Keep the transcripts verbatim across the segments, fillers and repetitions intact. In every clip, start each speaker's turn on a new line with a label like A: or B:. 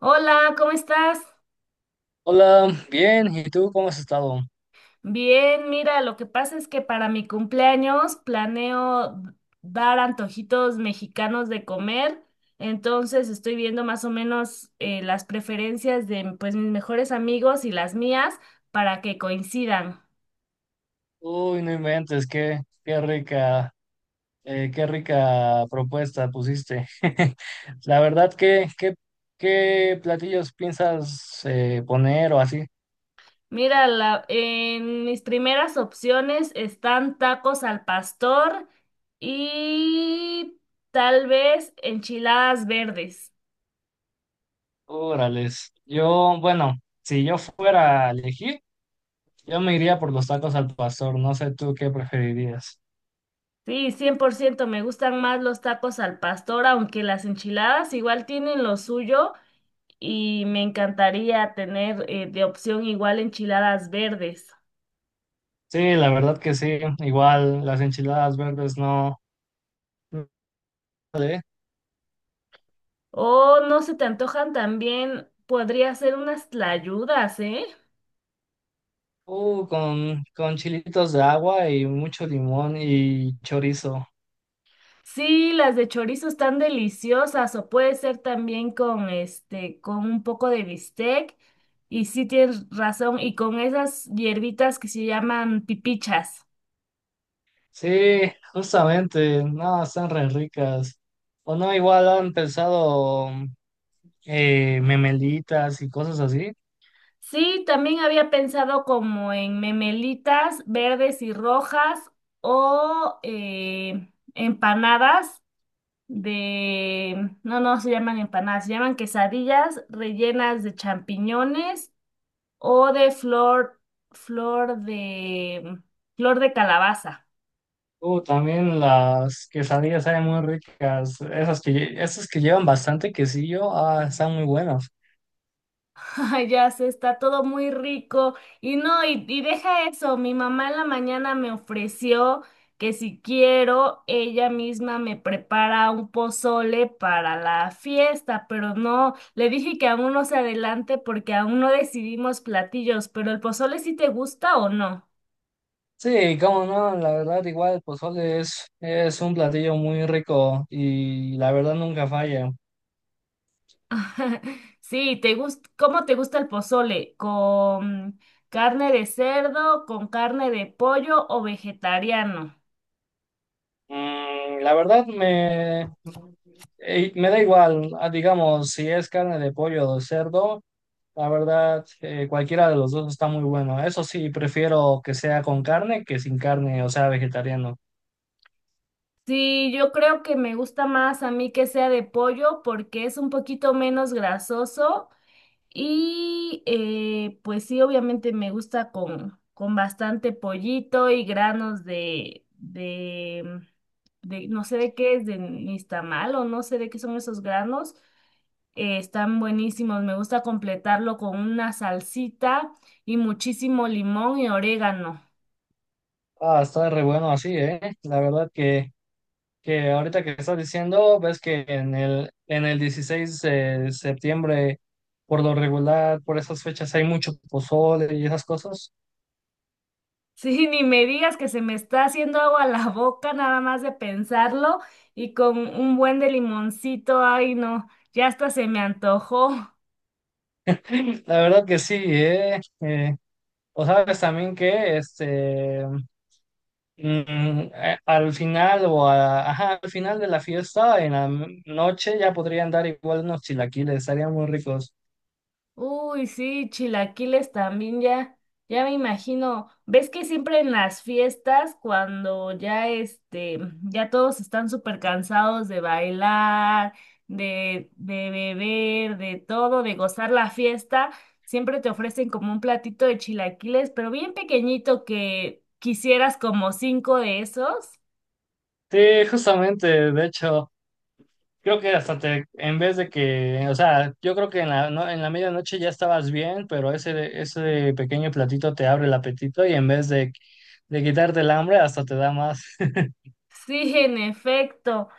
A: Hola, ¿cómo estás?
B: Hola, bien, ¿y tú cómo has estado?
A: Bien, mira, lo que pasa es que para mi cumpleaños planeo dar antojitos mexicanos de comer, entonces estoy viendo más o menos eh, las preferencias de pues mis mejores amigos y las mías para que coincidan.
B: Uy, no inventes, qué, qué rica, eh, qué rica propuesta pusiste. La verdad, ¿qué, qué, qué platillos piensas eh, poner o así?
A: Mira, la- en mis primeras opciones están tacos al pastor y tal vez enchiladas verdes.
B: Órales, yo, bueno, si yo fuera a elegir, yo me iría por los tacos al pastor, no sé tú qué preferirías.
A: Sí, cien por ciento. Me gustan más los tacos al pastor, aunque las enchiladas igual tienen lo suyo y me encantaría tener eh, de opción igual enchiladas verdes.
B: Sí, la verdad que sí, igual las enchiladas verdes no.
A: O no se te antojan también, podría ser unas tlayudas, ¿eh?
B: Uh, con, con chilitos de agua y mucho limón y chorizo.
A: Sí, las de chorizo están deliciosas o puede ser también con este, con un poco de bistec y sí tienes razón y con esas hierbitas que se llaman pipichas.
B: Sí, justamente, no, están re ricas. O no, igual han pensado eh, memelitas y cosas así.
A: Sí, también había pensado como en memelitas verdes y rojas o eh, empanadas de, no, no se llaman empanadas, se llaman quesadillas rellenas de champiñones o de flor, flor de, flor de calabaza.
B: Uh, también las quesadillas saben muy ricas. Esas que, lle- esas que llevan bastante quesillo, ah, están muy buenas.
A: Ay, ya se está todo muy rico. Y no, y, y deja eso, mi mamá en la mañana me ofreció que si quiero, ella misma me prepara un pozole para la fiesta, pero no, le dije que aún no se adelante porque aún no decidimos platillos, pero el pozole sí te gusta o no.
B: Sí, cómo no, la verdad, igual el pozole es, es un platillo muy rico y la verdad nunca falla.
A: Sí, te gusta, ¿cómo te gusta el pozole? ¿Con carne de cerdo, con carne de pollo o vegetariano?
B: Mm, la verdad me, eh, me da igual, ah, digamos, si es carne de pollo o de cerdo, la verdad eh, cualquiera de los dos está muy bueno. Eso sí, prefiero que sea con carne que sin carne, o sea, vegetariano.
A: Sí, yo creo que me gusta más a mí que sea de pollo porque es un poquito menos grasoso y eh, pues sí, obviamente me gusta con, con bastante pollito y granos de, de, de, no sé de qué es, de nixtamal o no sé de qué son esos granos. Eh, están buenísimos, me gusta completarlo con una salsita y muchísimo limón y orégano.
B: Ah, está re bueno así, ¿eh? La verdad que, que ahorita que estás diciendo, ves que en el, en el dieciséis de septiembre, por lo regular, por esas fechas hay mucho pozole y esas cosas.
A: Sí, ni me digas que se me está haciendo agua la boca nada más de pensarlo y con un buen de limoncito, ay no, ya hasta se me antojó.
B: La verdad que sí, ¿eh? Eh, O sabes también que este, mm, a- al final o a- ajá, al final de la fiesta, en la m- noche ya podrían dar igual unos chilaquiles, estarían muy ricos.
A: Uy, sí, chilaquiles también ya, ya me imagino. ¿Ves que siempre en las fiestas, cuando ya este, ya todos están súper cansados de bailar, de, de beber, de todo, de gozar la fiesta, siempre te ofrecen como un platito de chilaquiles, pero bien pequeñito que quisieras como cinco de esos?
B: Sí, justamente, de hecho, creo que hasta te, en vez de que, o sea, yo creo que en la, no- en la medianoche ya estabas bien, pero ese, ese pequeño platito te abre el apetito y en vez de, de quitarte el hambre, hasta te da más.
A: Sí, en efecto.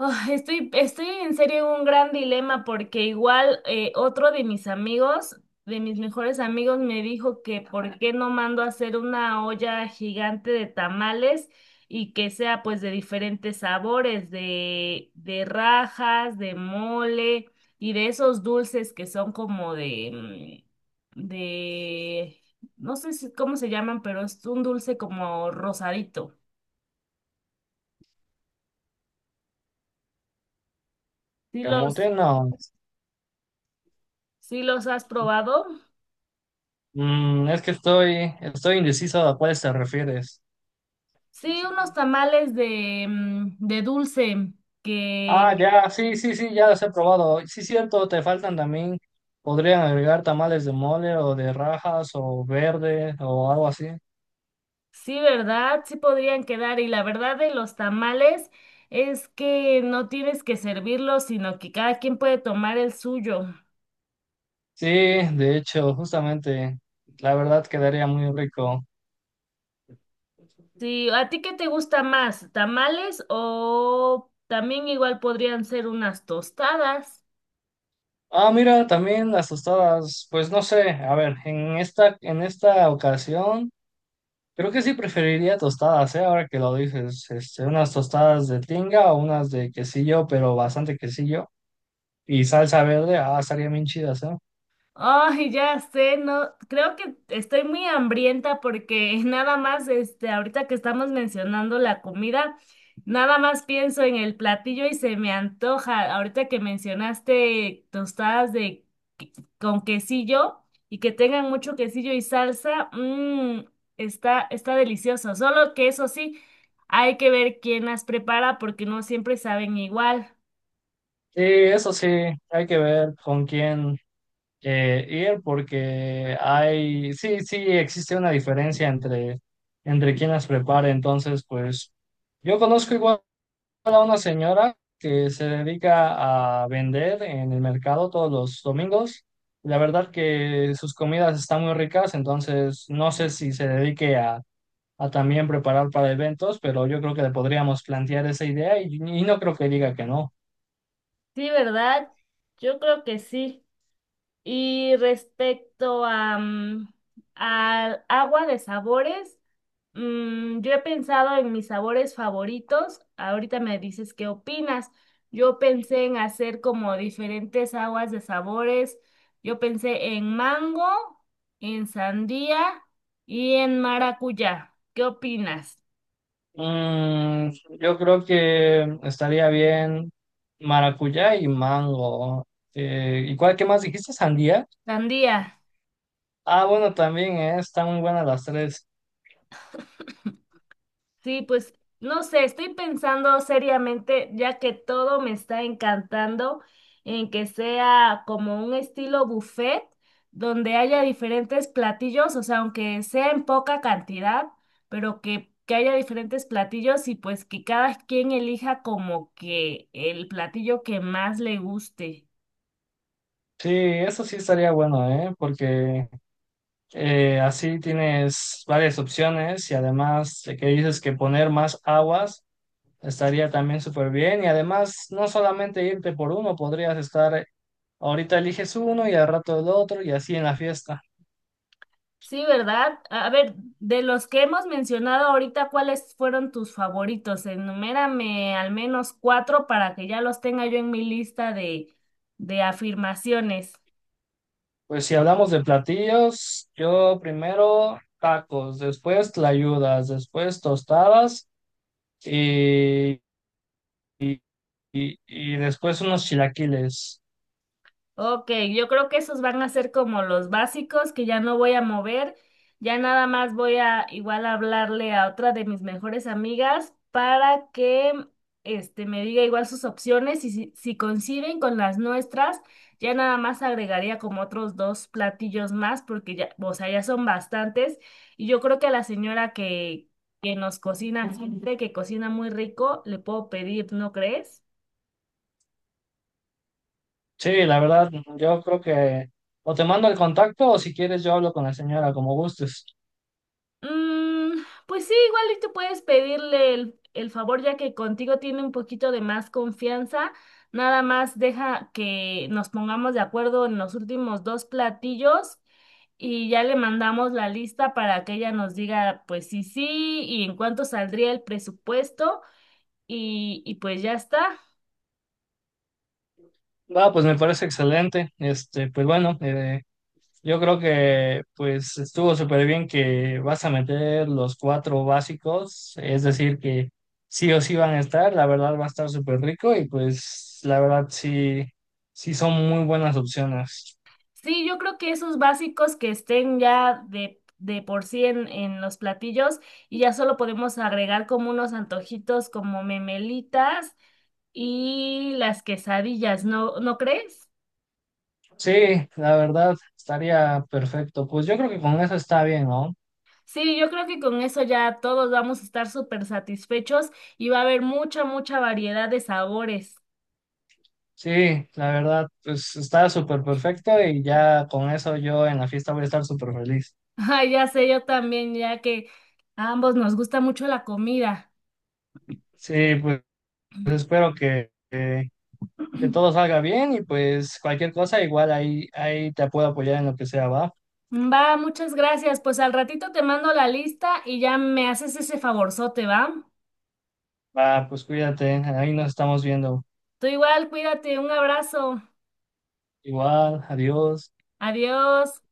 A: Ah, estoy, estoy en serio en un gran dilema porque igual eh, otro de mis amigos, de mis mejores amigos, me dijo que por qué no mando a hacer una olla gigante de tamales y que sea pues de diferentes sabores, de, de rajas, de mole y de esos dulces que son como de, mm, de, no sé si- cómo se llaman, pero es un dulce como rosadito. ¿Sí los,
B: Camote, no.
A: ¿Sí los has probado?
B: Mm, es que estoy, estoy indeciso a cuáles te refieres.
A: Sí, unos tamales de, mm, de dulce
B: Ah,
A: que
B: ya, sí, sí, sí, ya los he probado. Sí, cierto, te faltan también, podrían agregar tamales de mole o de rajas o verde o algo así.
A: sí, ¿verdad? Sí podrían quedar. Y la verdad de los tamales es que no tienes que servirlos, sino que cada quien puede tomar el suyo.
B: Sí, de hecho, justamente, la verdad quedaría muy rico.
A: Sí, ¿a ti qué te gusta más? ¿Tamales o también igual podrían ser unas tostadas?
B: Ah, mira, también las tostadas, pues no sé, a ver, en esta, en esta ocasión, creo que sí preferiría tostadas, ¿eh? Ahora que lo dices, este, unas tostadas de tinga o unas de quesillo, pero bastante quesillo, y salsa verde, ah, estarían bien chidas, ¿eh?
A: Ay, ya sé, no, creo que estoy muy hambrienta porque nada más, este, ahorita que estamos mencionando la comida, nada más pienso en el platillo y se me antoja. Ahorita que mencionaste tostadas de que- con quesillo y que tengan mucho quesillo y salsa, mmm, está, está delicioso. Solo que eso sí, hay que ver quién las prepara porque no siempre saben igual.
B: Y eso sí, hay que ver con quién eh, ir porque hay, sí, sí existe una diferencia entre, entre quién las prepara. Entonces, pues yo conozco igual a una señora que se dedica a vender en el mercado todos los domingos. La verdad que sus comidas están muy ricas, entonces no sé si se dedique a, a también preparar para eventos, pero yo creo que le podríamos plantear esa idea y y no creo que diga que no.
A: Sí, ¿verdad? Yo creo que sí. Y respecto a, mm, al agua de sabores, mm, yo he pensado en mis sabores favoritos. Ahorita me dices qué opinas. Yo pensé en hacer como diferentes aguas de sabores. Yo pensé en mango, en sandía y en maracuyá. ¿Qué opinas?
B: Mm, yo creo que estaría bien maracuyá y mango. Eh, ¿y cuál, qué más dijiste? ¿Sandía?
A: Sandía.
B: Ah, bueno, también, eh, están muy buenas las tres.
A: Sí, pues no sé, estoy pensando seriamente, ya que todo me está encantando, en que sea como un estilo buffet, donde haya diferentes platillos, o sea, aunque sea en poca cantidad, pero que, que haya diferentes platillos y pues que cada quien elija como que el platillo que más le guste.
B: Sí, eso sí estaría bueno, ¿eh? Porque eh, así tienes varias opciones y además de que dices que poner más aguas estaría también súper bien y además no solamente irte por uno, podrías estar, ahorita eliges uno y al rato el otro y así en la fiesta.
A: Sí, ¿verdad? A a ver, de los que hemos mencionado ahorita, ¿cuáles fueron tus favoritos? Enumérame al menos cuatro para que ya los tenga yo en mi lista de, de afirmaciones.
B: Pues si hablamos de platillos, yo primero tacos, después tlayudas, después tostadas y, y, y después unos chilaquiles.
A: Ok, yo creo que esos van a ser como los básicos que ya no voy a mover. Ya nada más voy a igual hablarle a otra de mis mejores amigas para que este me diga igual sus opciones y si, si coinciden con las nuestras, ya nada más agregaría como otros dos platillos más porque ya, o sea, ya son bastantes y yo creo que a la señora que que nos cocina, gente que cocina muy rico, le puedo pedir, ¿no crees?
B: Sí, la verdad, yo creo que o te mando el contacto o si quieres yo hablo con la señora, como gustes.
A: Mm, pues sí, igual y tú puedes pedirle el, el favor ya que contigo tiene un poquito de más confianza. Nada más deja que nos pongamos de acuerdo en los últimos dos platillos y ya le mandamos la lista para que ella nos diga pues sí, sí y en cuánto saldría el presupuesto y, y pues ya está.
B: Va, pues me parece excelente. Este, pues bueno, eh, yo creo que pues estuvo súper bien que vas a meter los cuatro básicos, es decir, que sí o sí van a estar, la verdad va a estar súper rico y pues la verdad sí, sí son muy buenas opciones.
A: Sí, yo creo que esos básicos que estén ya de, de por sí en, en los platillos y ya solo podemos agregar como unos antojitos como memelitas y las quesadillas, ¿no, ¿no crees?
B: Sí, la verdad estaría perfecto. Pues yo creo que con eso está bien, ¿no?
A: Sí, yo creo que con eso ya todos vamos a estar súper satisfechos y va a haber mucha, mucha variedad de sabores.
B: Sí, la verdad pues está súper perfecto y ya con eso yo en la fiesta voy a estar súper feliz.
A: Ay, ya sé, yo también, ya que a ambos nos gusta mucho la comida.
B: Sí, pues espero que que todo salga bien y pues cualquier cosa, igual ahí, ahí te puedo apoyar en lo que sea, va.
A: Va, muchas gracias. Pues al ratito te mando la lista y ya me haces ese favorzote, ¿va?
B: Va, pues cuídate, ahí nos estamos viendo.
A: Tú igual, cuídate, un abrazo.
B: Igual, adiós.
A: Adiós.